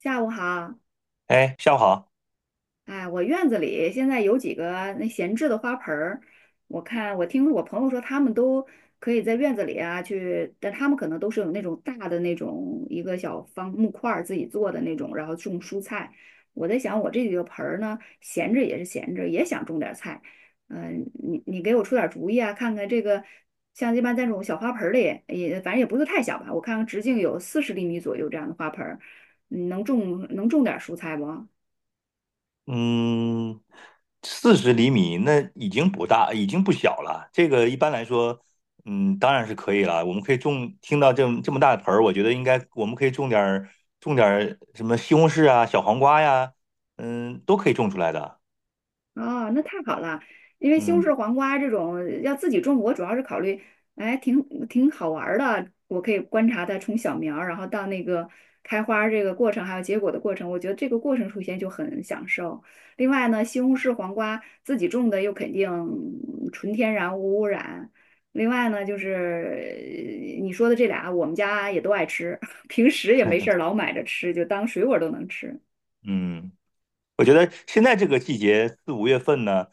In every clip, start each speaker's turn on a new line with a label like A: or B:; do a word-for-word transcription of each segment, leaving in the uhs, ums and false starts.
A: 下午好，
B: 哎，下午好。
A: 哎，我院子里现在有几个那闲置的花盆儿，我看我听我朋友说他们都可以在院子里啊去，但他们可能都是有那种大的那种一个小方木块儿自己做的那种，然后种蔬菜。我在想我这几个盆儿呢，闲着也是闲着，也想种点儿菜。嗯、你你给我出点儿主意啊，看看这个像一般在这种小花盆儿里，也反正也不是太小吧，我看看直径有四十厘米左右这样的花盆儿，你能种能种点儿蔬菜不？
B: 嗯，四十厘米那已经不大，已经不小了。这个一般来说，嗯，当然是可以了。我们可以种，听到这么这么大的盆儿，我觉得应该我们可以种点儿种点儿什么西红柿啊、小黄瓜呀，嗯，都可以种出来的。
A: 哦，那太好了，因为西红
B: 嗯
A: 柿黄瓜这种要自己种，我主要是考虑，哎，挺挺好玩儿的，我可以观察它从小苗儿，然后到那个开花儿这个过程，还有结果的过程，我觉得这个过程出现就很享受。另外呢，西红柿黄瓜自己种的又肯定嗯纯天然无污染。另外呢，就是呃你说的这俩，我们家也都爱吃，平时也没事儿老买着吃，就当水果儿都能吃。
B: 嗯。我觉得现在这个季节四五月份呢，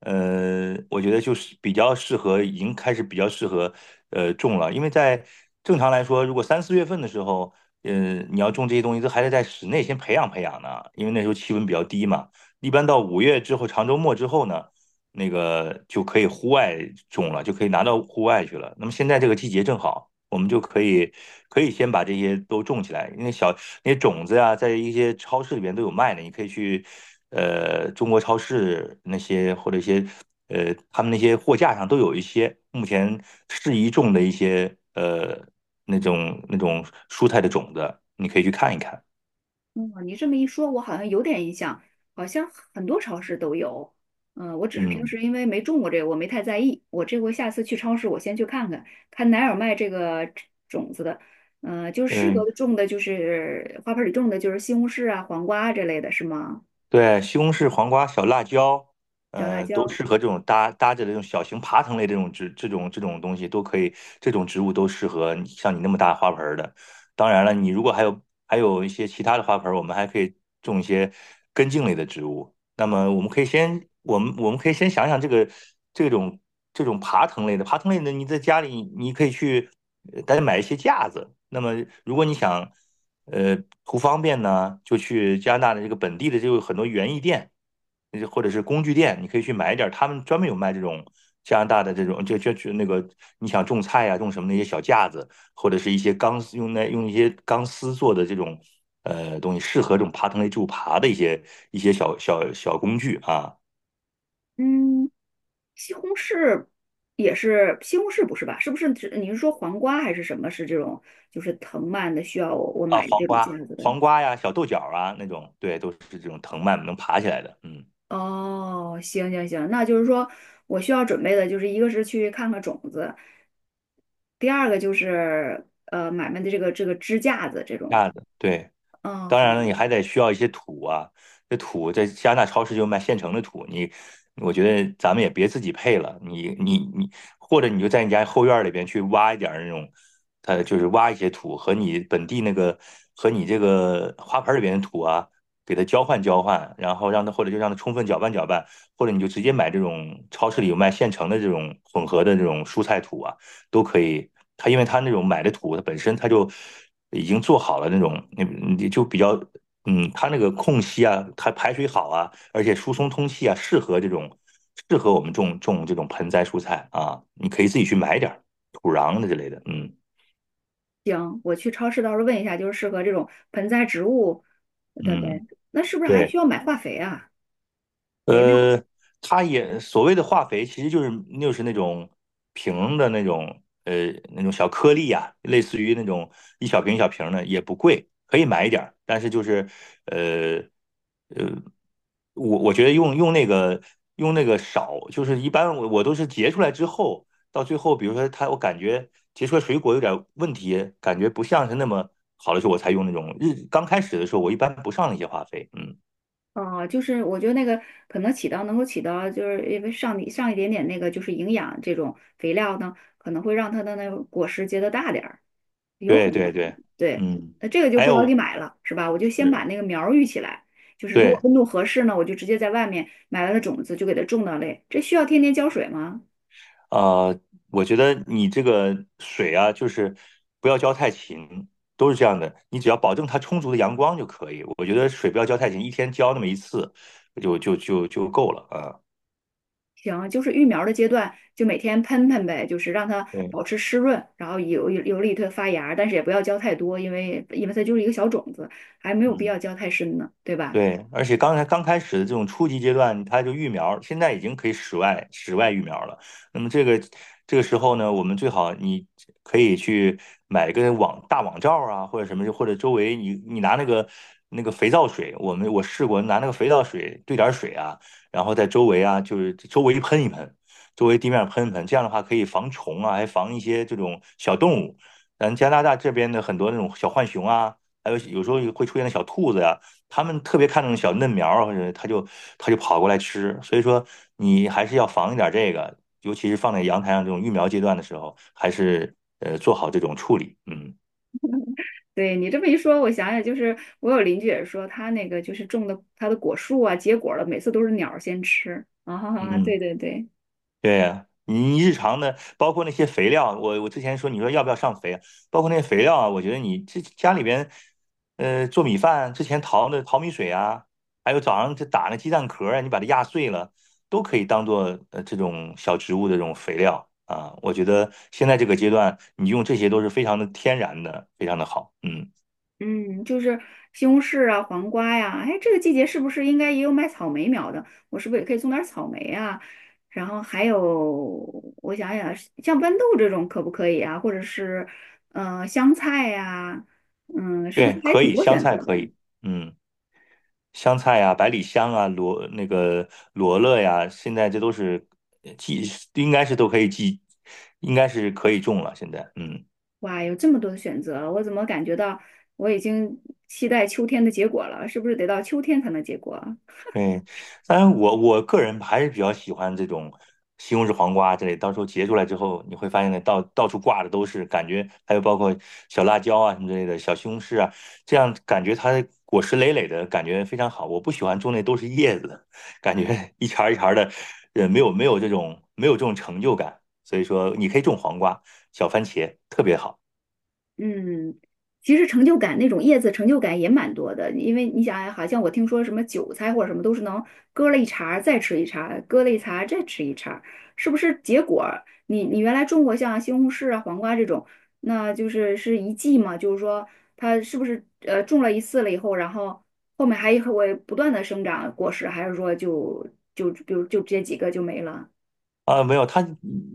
B: 呃，我觉得就是比较适合，已经开始比较适合呃种了，因为在正常来说，如果三四月份的时候，呃，你要种这些东西，都还得在室内先培养培养呢，因为那时候气温比较低嘛。一般到五月之后，长周末之后呢，那个就可以户外种了，就可以拿到户外去了。那么现在这个季节正好。我们就可以可以先把这些都种起来，因为小那些种子呀，在一些超市里边都有卖的，你可以去呃中国超市那些或者一些呃他们那些货架上都有一些目前适宜种的一些呃那种那种蔬菜的种子，你可以去看一看。
A: 哦，你这么一说，我好像有点印象，好像很多超市都有。嗯，我只是平
B: 嗯
A: 时因为没种过这个，我没太在意。我这回下次去超市，我先去看看，看哪有卖这个种子的。嗯、就是适
B: 嗯，
A: 合种的，就是花盆里种的，就是西红柿啊、黄瓜啊这类的，是吗？
B: 对，西红柿、黄瓜、小辣椒，
A: 小辣
B: 呃，都
A: 椒，
B: 适合这种搭搭着这种小型爬藤类这种植这种这种东西都可以，这种植物都适合你像你那么大花盆儿的。当然了，你如果还有还有一些其他的花盆儿，我们还可以种一些根茎类的植物。那么我们可以先我们我们可以先想想这个这种这种爬藤类的爬藤类的，你在家里你可以去呃大家买一些架子。那么如果你想呃，图方便呢，就去加拿大的这个本地的就有很多园艺店，呃或者是工具店，你可以去买一点儿，他们专门有卖这种加拿大的这种，就就就那个你想种菜呀、种什么那些小架子，或者是一些钢丝用那用一些钢丝做的这种呃东西，适合这种爬藤类植物爬的一些一些小小小工具啊。
A: 嗯，西红柿也是西红柿不是吧？是不是指你是说黄瓜还是什么？是这种就是藤蔓的，需要我我
B: 啊，
A: 买的
B: 黄
A: 这种架
B: 瓜、
A: 子的？
B: 黄瓜呀、小豆角啊那种，对，都是这种藤蔓能爬起来的，嗯，
A: 哦，行行行，那就是说我需要准备的就是一个是去看看种子，第二个就是呃买卖的这个这个支架子这种。
B: 架子，对。
A: 嗯，
B: 当
A: 好，
B: 然了，你还得需要一些土啊，这土在加拿大超市就卖现成的土，你我觉得咱们也别自己配了，你你你，或者你就在你家后院里边去挖一点儿那种，它就是挖一些土和你本地那个和你这个花盆里边的土啊，给它交换交换，然后让它或者就让它充分搅拌搅拌，或者你就直接买这种超市里有卖现成的这种混合的这种蔬菜土啊。都可以。它因为它那种买的土，它本身它就已经做好了那种，你你就比较，嗯，它那个空隙啊，它排水好啊，而且疏松通气啊，适合这种适合我们种种这种盆栽蔬菜啊。你可以自己去买点儿土壤的之类的，嗯
A: 行，我去超市到时候问一下，就是适合这种盆栽植物的呗。
B: 嗯，
A: 那是不是还
B: 对。
A: 需要买化肥啊？肥料？
B: 呃，它也所谓的化肥，其实就是就是那种瓶的那种呃那种小颗粒呀，类似于那种一小瓶一小瓶的，也不贵，可以买一点儿。但是就是呃呃，我我觉得用用那个用那个少，就是一般我我都是结出来之后，到最后比如说它，我感觉结出来水果有点问题，感觉不像是那么好的时候，我才用那种日刚开始的时候，我一般不上那些化肥，嗯。
A: 哦，就是我觉得那个可能起到能够起到，就是因为上一上一点点那个就是营养这种肥料呢，可能会让它的那个果实结得大点儿。有
B: 对
A: 可
B: 对
A: 能，
B: 对，
A: 对，
B: 嗯，
A: 那这个就
B: 还
A: 不着急
B: 有
A: 买了，是吧？我就先
B: 对
A: 把那个苗儿育起来，就是如果
B: 对，
A: 温度合适呢，我就直接在外面买来的种子就给它种到类。这需要天天浇水吗？
B: 呃，我觉得你这个水啊，就是不要浇太勤，都是这样的，你只要保证它充足的阳光就可以。我觉得水不要浇太勤，一天浇那么一次就就就就够了啊。
A: 行，就是育苗儿的阶段，就每天喷喷呗，就是让它
B: 对，
A: 保持湿润，然后有有利于它发芽但是也不要浇太多，因为因为它就是一个小种子，还没有必
B: 嗯。
A: 要浇太深呢，对吧？
B: 对，而且刚才刚开始的这种初级阶段，它就育苗，现在已经可以室外室外育苗了。那么这个这个时候呢，我们最好你可以去买一个网大网罩啊，或者什么，或者周围你你拿那个那个肥皂水，我们我试过拿那个肥皂水兑点儿水啊，然后在周围啊，就是周围喷一喷，周围地面喷一喷，这样的话可以防虫啊，还防一些这种小动物。咱加拿大这边的很多那种小浣熊啊，还有有时候会出现的小兔子呀、他们特别看重小嫩苗儿，或者他就他就跑过来吃。所以说，你还是要防一点这个，尤其是放在阳台上这种育苗阶段的时候，还是呃做好这种处理。嗯
A: 对你这么一说，我想想，就是我有邻居也说，他那个就是种的他的果树啊，结果了，每次都是鸟儿先吃啊，哈哈，
B: 嗯。
A: 对对对。
B: 对呀，你日常的，包括那些肥料，我我之前说你说要不要上肥啊，包括那些肥料啊，我觉得你这家里边，呃，做米饭之前淘的淘米水啊，还有早上这打那鸡蛋壳啊，你把它压碎了，都可以当做呃这种小植物的这种肥料啊。我觉得现在这个阶段，你用这些都是非常的天然的，非常的好。嗯，
A: 嗯，就是西红柿啊、黄瓜呀、哎，这个季节是不是应该也有卖草莓苗的？我是不是也可以种点儿草莓啊？然后还有，我想想，像豌豆这种可不可以啊？或者是，呃，香菜呀、嗯，是不是
B: 对，
A: 还
B: 可
A: 挺
B: 以，
A: 多
B: 香
A: 选择
B: 菜
A: 的？
B: 可以，嗯。香菜呀、百里香啊、罗那个罗勒呀，现在这都是呃季，应该是都可以季，应该是可以种了。现在，嗯。
A: 哇，有这么多的选择，我怎么感觉到我已经期待秋天的结果了？是不是得到秋天才能结果？
B: 嗯，当然我我个人还是比较喜欢这种西红柿黄瓜之类，到时候结出来之后，你会发现那到到处挂的都是，感觉还有包括小辣椒啊什么之类的，小西红柿啊，这样感觉它果实累累的感觉非常好。我不喜欢种那都是叶子，感觉一茬儿一茬儿的，呃，没有没有这种没有这种成就感。所以说，你可以种黄瓜、小番茄，特别好。
A: 嗯，其实成就感那种叶子成就感也蛮多的，因为你想啊好像我听说什么韭菜或者什么都是能割了一茬儿再吃一茬儿，割了一茬儿再吃一茬儿，是不是结果儿？你你原来种过像西红柿啊、黄瓜这种，那就是是一季嘛，就是说它是不是呃种了一次了以后，然后后面还会不断的生长果实，还是说就就比如就这几个就没了？
B: 啊，没有，它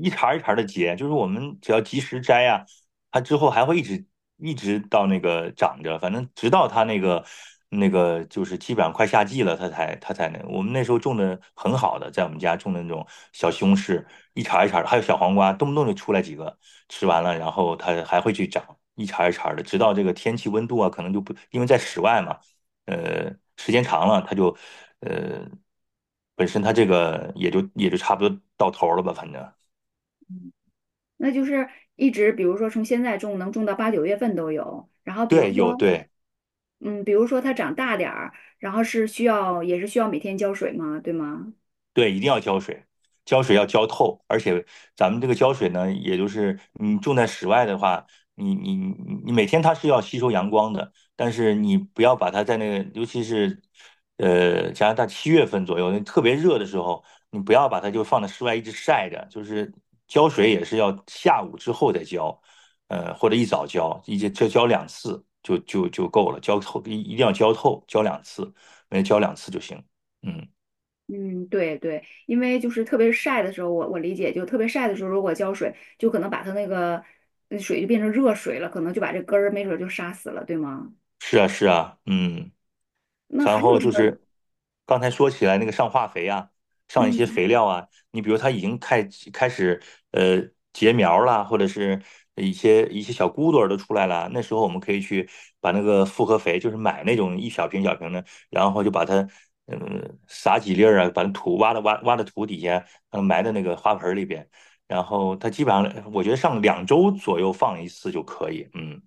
B: 一茬儿一茬的结，就是我们只要及时摘呀、它之后还会一直一直到那个长着，反正直到它那个那个就是基本上快夏季了，它才它才那。我们那时候种的很好的，在我们家种的那种小西红柿，一茬儿一茬儿的，还有小黄瓜，动不动就出来几个，吃完了然后它还会去长，一茬儿一茬儿的，直到这个天气温度啊，可能就不因为在室外嘛。呃，时间长了，他就呃，本身他这个也就也就差不多到头儿了吧，反正。
A: 那就是一直，比如说从现在种能种到八九月份都有，然后比如
B: 对，有
A: 说。
B: 对。
A: 嗯，比如说它长大点儿，然后是需要也是需要每天浇水吗？对吗？
B: 对，一定要浇水，浇水要浇透，而且咱们这个浇水呢，也就是你种在室外的话，你你你你每天它是要吸收阳光的，但是你不要把它在那个，尤其是呃加拿大七月份左右，那特别热的时候，你不要把它就放在室外一直晒着，就是浇水也是要下午之后再浇，呃或者一早浇，一直浇浇两次就就就够了，浇透一一定要浇透，浇两次，每天浇两次就行，嗯。
A: 嗯，对对，因为就是特别晒的时候，我我理解就特别晒的时候，如果浇水，就可能把它那个那水就变成热水了，可能就把这根儿没准儿就杀死了，对吗？
B: 是啊，是啊，嗯，
A: 那
B: 然
A: 还有
B: 后
A: 什
B: 就
A: 么？
B: 是刚才说起来那个上化肥啊，上一些
A: 嗯。
B: 肥料啊，你比如它已经开开始呃结苗啦，或者是一些一些小骨朵儿都出来了，那时候我们可以去把那个复合肥，就是买那种一小瓶小瓶的，然后就把它嗯撒几粒儿啊，把那土挖的挖挖的土底下，嗯埋在那个花盆儿里边，然后它基本上我觉得上两周左右放一次就可以，嗯。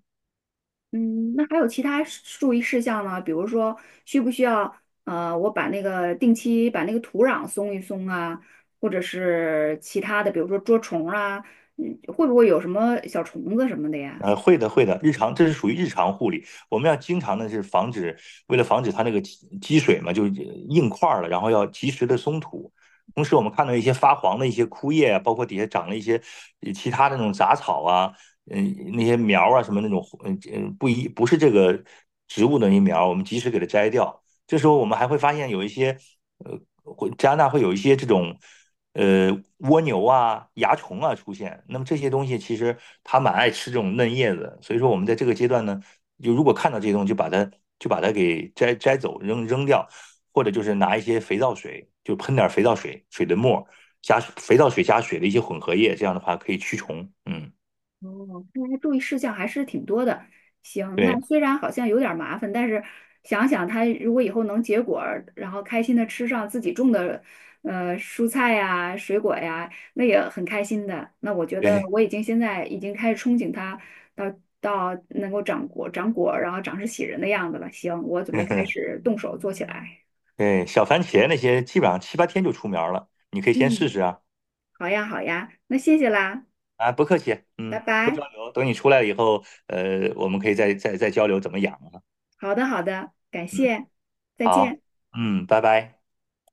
A: 嗯，那还有其他事注意事项呢？比如说，需不需要呃，我把那个定期把那个土壤松一松啊，或者是其他的，比如说捉虫啊，嗯，会不会有什么小虫子什么的呀？
B: 呃，会的，会的，日常这是属于日常护理，我们要经常的是防止，为了防止它那个积积水嘛，就是硬块儿了，然后要及时的松土。同时，我们看到一些发黄的一些枯叶啊，包括底下长了一些呃其他的那种杂草啊，嗯，那些苗啊什么那种，嗯嗯，不一不是这个植物的那些苗我们及时给它摘掉。这时候我们还会发现有一些，呃，会加拿大会有一些这种呃蜗牛啊、蚜虫啊出现。那么这些东西其实它蛮爱吃这种嫩叶子，所以说我们在这个阶段呢，就如果看到这些东西，就把它就把它给摘摘走、扔扔掉，或者就是拿一些肥皂水，就喷点肥皂水、水的沫加肥皂水加水的一些混合液，这样的话可以驱虫。嗯，
A: 哦，看来注意事项还是挺多的。行，那
B: 对
A: 虽然好像有点儿麻烦，但是想想他如果以后能结果儿，然后开心的吃上自己种的，呃，蔬菜呀、水果呀，那也很开心的。那我觉得
B: 对，
A: 我已经现在已经开始憧憬他到到能够长果、长果儿，然后长势喜人的样子了。行，我准备开 始动手做起来。
B: 对，小番茄那些基本上七八天就出苗了，你可以先试
A: 嗯，
B: 试啊。
A: 好呀，好呀，那谢谢啦，
B: 啊，不客气，
A: 拜
B: 嗯，不
A: 拜。
B: 交流，等你出来以后，呃，我们可以再再再交流怎么养啊。
A: 好的，好的，感
B: 嗯，
A: 谢，再
B: 好，
A: 见。
B: 嗯，拜拜。